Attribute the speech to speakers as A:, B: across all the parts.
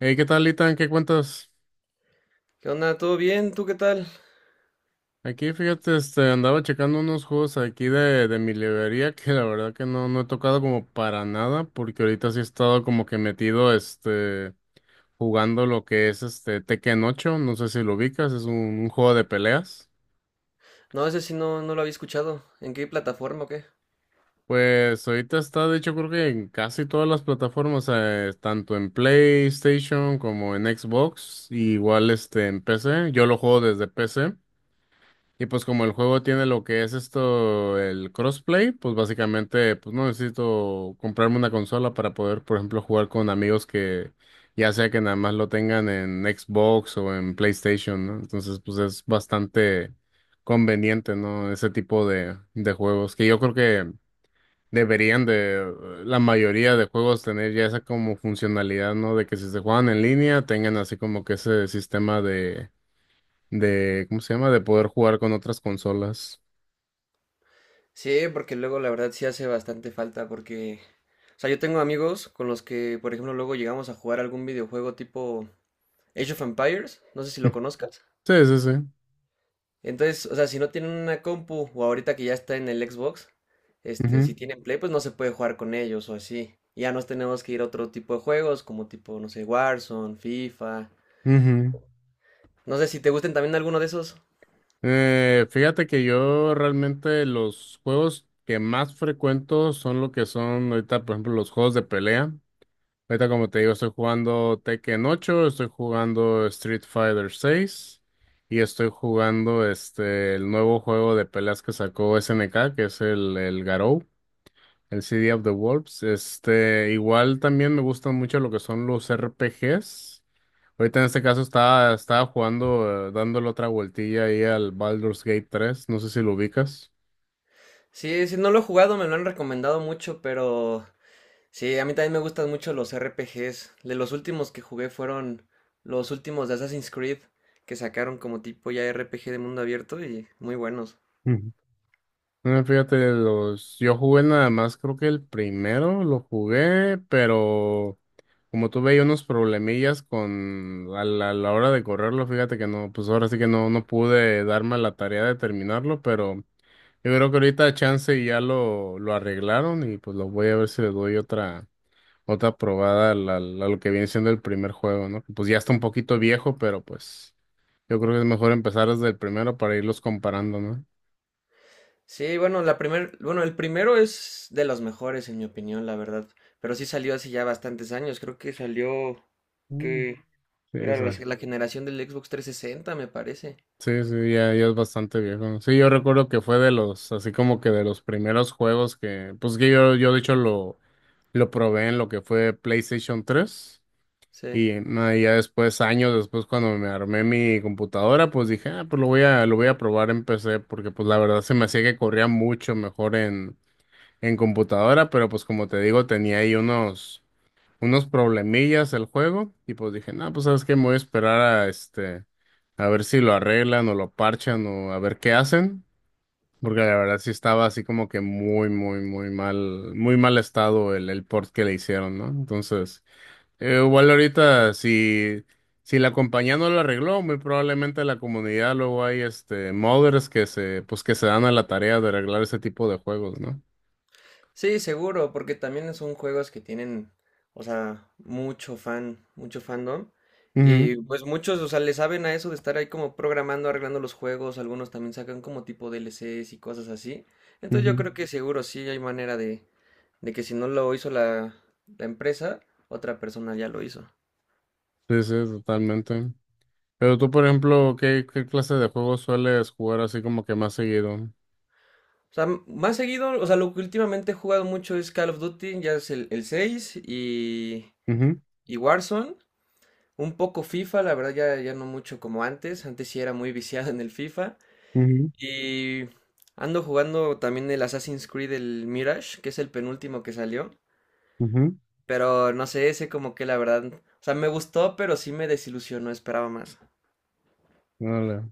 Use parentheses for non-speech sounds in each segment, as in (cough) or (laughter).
A: Hey, ¿qué tal, Itan? ¿Qué cuentas?
B: ¿Qué onda? ¿Todo bien? ¿Tú qué tal?
A: Aquí, fíjate, andaba checando unos juegos aquí de mi librería que la verdad que no he tocado como para nada, porque ahorita sí he estado como que metido, jugando lo que es este Tekken ocho. No sé si lo ubicas, es un juego de peleas.
B: No, ese sí no lo había escuchado. ¿En qué plataforma o qué?
A: Pues ahorita está, de hecho, creo que en casi todas las plataformas, tanto en PlayStation como en Xbox, igual este en PC. Yo lo juego desde PC. Y pues como el juego tiene lo que es esto, el crossplay, pues básicamente pues no necesito comprarme una consola para poder, por ejemplo, jugar con amigos que ya sea que nada más lo tengan en Xbox o en PlayStation, ¿no? Entonces pues es bastante conveniente, ¿no? Ese tipo de juegos que yo creo que deberían de la mayoría de juegos tener ya esa como funcionalidad, ¿no? De que si se juegan en línea tengan así como que ese sistema de ¿cómo se llama? De poder jugar con otras consolas.
B: Sí, porque luego la verdad sí hace bastante falta porque. O sea, yo tengo amigos con los que, por ejemplo, luego llegamos a jugar algún videojuego tipo Age of Empires, no sé si lo conozcas.
A: Sí, sí, sí.
B: Entonces, o sea, si no tienen una compu o ahorita que ya está en el Xbox, este,
A: Ujú,
B: si tienen Play, pues no se puede jugar con ellos o así. Y ya nos tenemos que ir a otro tipo de juegos, como tipo, no sé, Warzone, FIFA.
A: ujú.
B: No sé si te gusten también alguno de esos.
A: Fíjate que yo realmente los juegos que más frecuento son lo que son ahorita, por ejemplo, los juegos de pelea. Ahorita, como te digo, estoy jugando Tekken ocho, estoy jugando Street Fighter seis y estoy jugando el nuevo juego de peleas que sacó SNK, que es el Garou. El City of the Wolves. Igual también me gustan mucho lo que son los RPGs. Ahorita en este caso estaba jugando, dándole otra vueltilla ahí al Baldur's Gate tres. No sé si lo ubicas.
B: Sí, sí, no lo he jugado, me lo han recomendado mucho, pero sí, a mí también me gustan mucho los RPGs. De los últimos que jugué fueron los últimos de Assassin's Creed, que sacaron como tipo ya RPG de mundo abierto y muy buenos.
A: Ujú. Fíjate, yo jugué nada más, creo que el primero lo jugué, pero como tuve ahí unos problemillas con a la hora de correrlo, fíjate que no, pues ahora sí que no pude darme la tarea de terminarlo, pero yo creo que ahorita chance ya lo arreglaron y pues lo voy a ver si le doy otra probada lo que viene siendo el primer juego, ¿no? Pues ya está un poquito viejo, pero pues yo creo que es mejor empezar desde el primero para irlos comparando, ¿no?
B: Sí, bueno, bueno, el primero es de los mejores en mi opinión, la verdad. Pero sí salió hace ya bastantes años, creo que salió
A: Mm.
B: que
A: Sí,
B: era la,
A: esa-
B: la generación del Xbox 360, me parece.
A: sí, sí, ya, ya es bastante viejo, ¿no? Sí, yo recuerdo que fue de los, así como que de los primeros juegos que, pues que yo, de hecho lo probé en lo que fue PlayStation tres.
B: Sí.
A: Y no, y ya después, años después, cuando me armé mi computadora, pues dije, ah, pues lo voy lo voy a probar en PC, porque pues la verdad se me hacía que corría mucho mejor en computadora, pero pues como te digo, tenía ahí unos problemillas el juego, y pues dije, no, pues sabes qué, me voy a esperar a este, a ver si lo arreglan o lo parchan o a ver qué hacen, porque la verdad sí estaba así como que muy, muy, muy mal estado el port que le hicieron, ¿no? Entonces... igual ahorita, si la compañía no lo arregló, muy probablemente la comunidad luego hay este modders que se, pues que se dan a la tarea de arreglar ese tipo de juegos, ¿no?
B: Sí, seguro, porque también son juegos que tienen, o sea, mucho fan, mucho fandom.
A: Ujú,
B: Y pues muchos, o sea, le saben a eso de estar ahí como programando, arreglando los juegos. Algunos también sacan como tipo DLCs y cosas así. Entonces yo
A: ujú.
B: creo que seguro sí hay manera de, que si no lo hizo la empresa, otra persona ya lo hizo.
A: Sí, sí, totalmente. Pero tú, por ejemplo, ¿qué clase de juegos sueles jugar así como que más seguido?
B: O sea, más seguido, o sea, lo que últimamente he jugado mucho es Call of Duty, ya es el 6 y,
A: Ujú,
B: y Warzone. Un poco FIFA, la verdad ya no mucho como antes, antes sí era muy viciado en el FIFA.
A: ujú,
B: Y ando jugando también el Assassin's Creed, el Mirage, que es el penúltimo que salió.
A: ujú.
B: Pero no sé, ese como que la verdad, o sea, me gustó, pero sí me desilusionó, esperaba más.
A: Órale.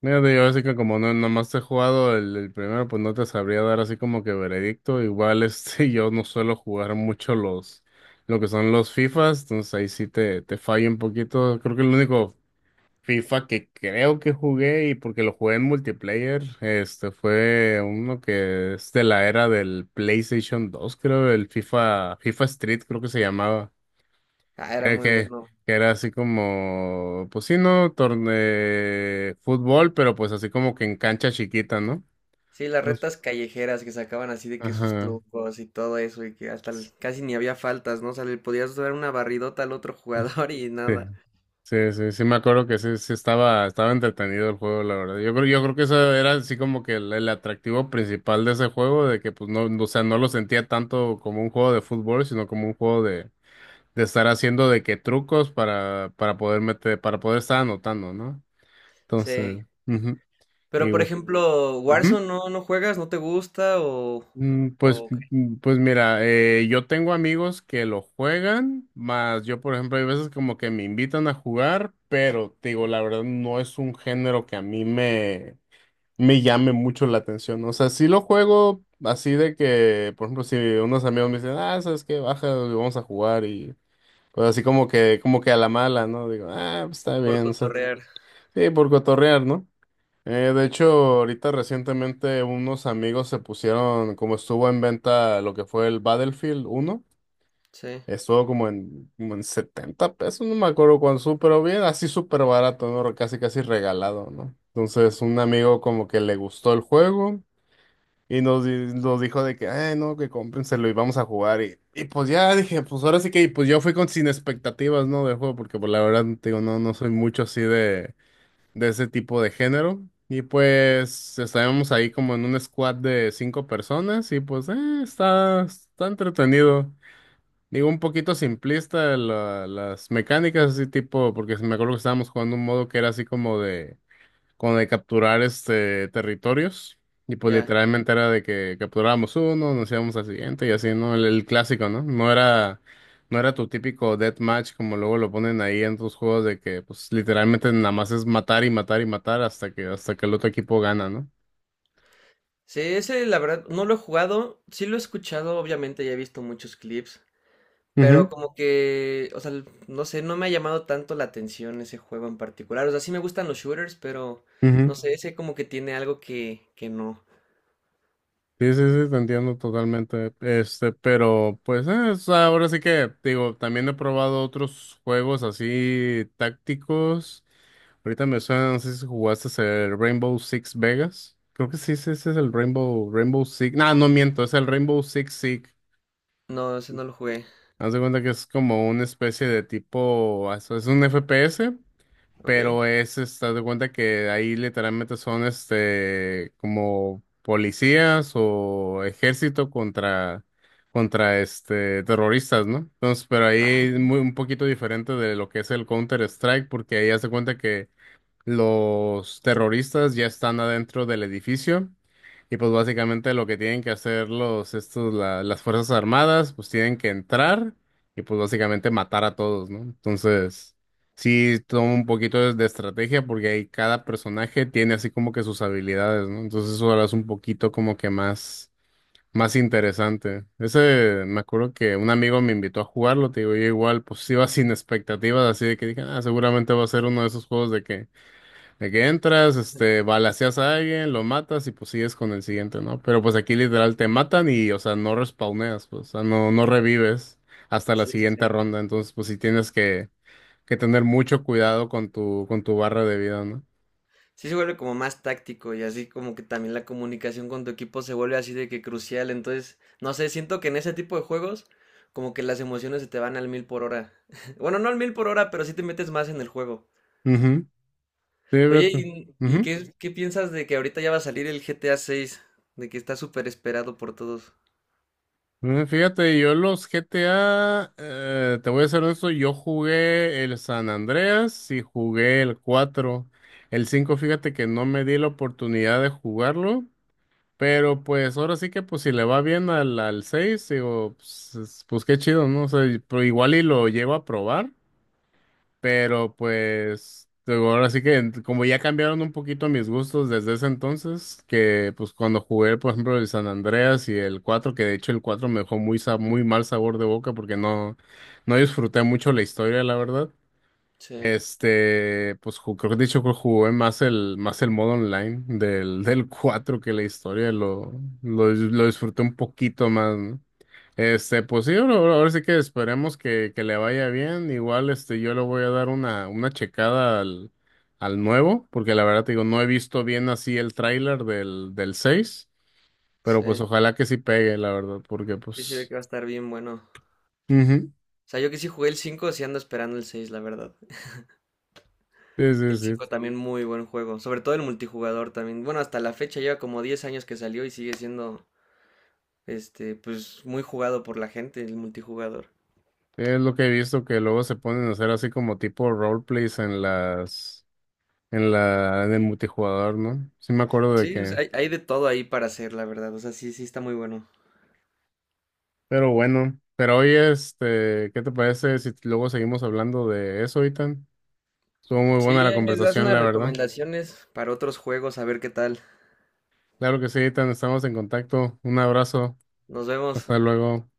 A: Mira, te digo, así que como no, nomás he jugado el primero, pues no te sabría dar así como que veredicto. Igual este, (laughs) yo no suelo jugar mucho lo que son los FIFAs, entonces ahí sí te fallo un poquito. Creo que el único FIFA que creo que jugué, y porque lo jugué en multiplayer, este fue uno que es de la era del PlayStation 2 creo, el FIFA Street creo que se llamaba.
B: Ah, era
A: que,
B: muy
A: que-
B: bueno.
A: que era así como, pues sí, ¿no? Torne fútbol, pero pues así como que en cancha chiquita, ¿no?
B: Sí, las
A: Pues,
B: retas callejeras que sacaban así de que sus
A: ajá.
B: trucos y todo eso, y que hasta casi ni había faltas, ¿no? O sea, le podías dar una barridota al otro
A: Sí,
B: jugador (laughs) y nada.
A: sí, sí, sí me acuerdo que sí, sí estaba, estaba entretenido el juego, la verdad. Yo creo que eso era así como que el atractivo principal de ese juego, de que pues o sea, no lo sentía tanto como un juego de fútbol, sino como un juego de estar haciendo de que trucos para poder meter, para poder estar anotando, ¿no? Entonces,
B: Sí.
A: ujú,
B: Pero,
A: y,
B: por
A: ujú.
B: ejemplo, Warzone no juegas, no te gusta o,
A: Mm, pues,
B: o qué,
A: mm, pues mira, yo tengo amigos que lo juegan, más yo, por ejemplo, hay veces como que me invitan a jugar, pero te digo, la verdad no es un género que a mí me llame mucho la atención. O sea, sí lo juego así de que, por ejemplo, si unos amigos me dicen, ah, ¿sabes qué? Baja, vamos a jugar y pues así como que a la mala, ¿no? Digo, ah, pues está
B: por
A: bien, o sea,
B: cotorrear.
A: sí, por cotorrear, ¿no? De hecho, ahorita recientemente unos amigos se pusieron, como estuvo en venta lo que fue el Battlefield uno,
B: Sí,
A: estuvo como en, como en 70 pesos, no me acuerdo cuánto, pero bien, así súper barato, ¿no? Casi casi regalado, ¿no? Entonces un amigo como que le gustó el juego y nos dijo de que, ay, no, que cómprenselo y vamos a jugar. Y pues ya dije, pues ahora sí que, y pues yo fui con sin expectativas, ¿no? Del juego, porque pues la verdad, te digo, no, no soy mucho así de ese tipo de género. Y pues estábamos ahí como en un squad de cinco personas y pues está, está entretenido. Digo, un poquito simplista las mecánicas así tipo, porque me acuerdo que estábamos jugando un modo que era así como de con de capturar este territorios. Y pues
B: ya.
A: literalmente era de que capturábamos uno, nos íbamos al siguiente y así, ¿no? El clásico, ¿no? No era, no era tu típico deathmatch como luego lo ponen ahí en tus juegos de que pues literalmente nada más es matar y matar y matar hasta que el otro equipo gana, no.
B: Sí, ese la verdad no lo he jugado, sí lo he escuchado, obviamente ya he visto muchos clips, pero
A: Ujú,
B: como que, o sea, no sé, no me ha llamado tanto la atención ese juego en particular. O sea, sí me gustan los shooters, pero no
A: ujú.
B: sé, ese como que tiene algo que no.
A: Sí, sí, sí, te entiendo totalmente. Este, pero pues o sea, ahora sí que digo, también he probado otros juegos así tácticos. Ahorita me suena, no sé si jugaste el Rainbow Six Vegas. Creo que sí, sí, ese es el Rainbow Six. No, no miento, es el Rainbow Six Siege.
B: No, ese no lo jugué,
A: Haz de cuenta que es como una especie de tipo, es un FPS,
B: ¿ok?
A: pero es, estás de cuenta que ahí literalmente son este como policías o ejército contra contra este terroristas, ¿no? Entonces, pero ahí
B: Ah,
A: es
B: ok.
A: muy un poquito diferente de lo que es el Counter Strike, porque ahí hace cuenta que los terroristas ya están adentro del edificio y pues básicamente lo que tienen que hacer los, estos, las Fuerzas Armadas, pues tienen que entrar y pues básicamente matar a todos, ¿no? Entonces, sí toma un poquito de estrategia porque ahí cada personaje tiene así como que sus habilidades, ¿no? Entonces eso ahora es un poquito como que más, más interesante. Ese, me acuerdo que un amigo me invitó a jugarlo, te digo, yo igual pues iba sin expectativas, así de que dije, ah, seguramente va a ser uno de esos juegos de que entras, este, balaceas a alguien, lo matas y pues sigues con el siguiente, ¿no? Pero pues aquí literal te matan y, o sea, no respawneas, pues, o sea, no, no revives hasta la
B: Sí, sí,
A: siguiente
B: sí.
A: ronda. Entonces, pues sí tienes que tener mucho cuidado con tu barra de vida, ¿no?
B: Sí se vuelve como más táctico y así como que también la comunicación con tu equipo se vuelve así de que crucial. Entonces, no sé, siento que en ese tipo de juegos como que las emociones se te van al mil por hora. (laughs) Bueno, no al mil por hora, pero sí te metes más en el juego.
A: Ujú, sí,
B: Oye,
A: fíjate.
B: ¿y
A: Ujú.
B: qué piensas de que ahorita ya va a salir el GTA 6? De que está súper esperado por todos.
A: Fíjate, yo los GTA, te voy a ser honesto, yo jugué el San Andreas y jugué el cuatro. El 5 fíjate que no me di la oportunidad de jugarlo. Pero pues ahora sí que pues si le va bien al seis, digo, pues, pues, qué chido, ¿no? O sea, pero igual y lo llevo a probar, pero pues digo, ahora sí que como ya cambiaron un poquito mis gustos desde ese entonces, que pues cuando jugué, por ejemplo, el San Andreas y el cuatro, que de hecho el 4 me dejó muy mal sabor de boca porque no, no disfruté mucho la historia, la verdad.
B: Sí,
A: Este, pues creo que he dicho que jugué más más el modo online del, (laughs) del 4 que la historia, lo disfruté un poquito más, ¿no? Este, pues sí, ahora sí que esperemos que le vaya bien. Igual, este, yo le voy a dar una checada al nuevo, porque la verdad te digo, no he visto bien así el tráiler del seis, pero pues
B: sí,
A: ojalá que sí pegue, la verdad, porque
B: sí se ve
A: pues...
B: que va a estar bien bueno.
A: ujú,
B: O sea, yo que sí jugué el 5 sí ando esperando el 6 la verdad.
A: sí, sí,
B: El
A: sí.
B: 5 también muy buen juego, sobre todo el multijugador también. Bueno, hasta la fecha lleva como 10 años que salió y sigue siendo este pues muy jugado por la gente el multijugador.
A: Es lo que he visto que luego se ponen a hacer así como tipo roleplays en las, en la, en el multijugador, ¿no? Sí me acuerdo de
B: Sí, o
A: que,
B: sea, hay de todo ahí para hacer, la verdad. O sea, sí, sí está muy bueno.
A: pero bueno, pero hoy este, ¿qué te parece si luego seguimos hablando de eso, Itan? Estuvo muy buena
B: Sí,
A: la
B: ahí me das
A: conversación,
B: unas
A: la verdad.
B: recomendaciones para otros juegos, a ver qué tal.
A: Claro que sí, Itan, estamos en contacto. Un abrazo,
B: Nos vemos.
A: hasta luego.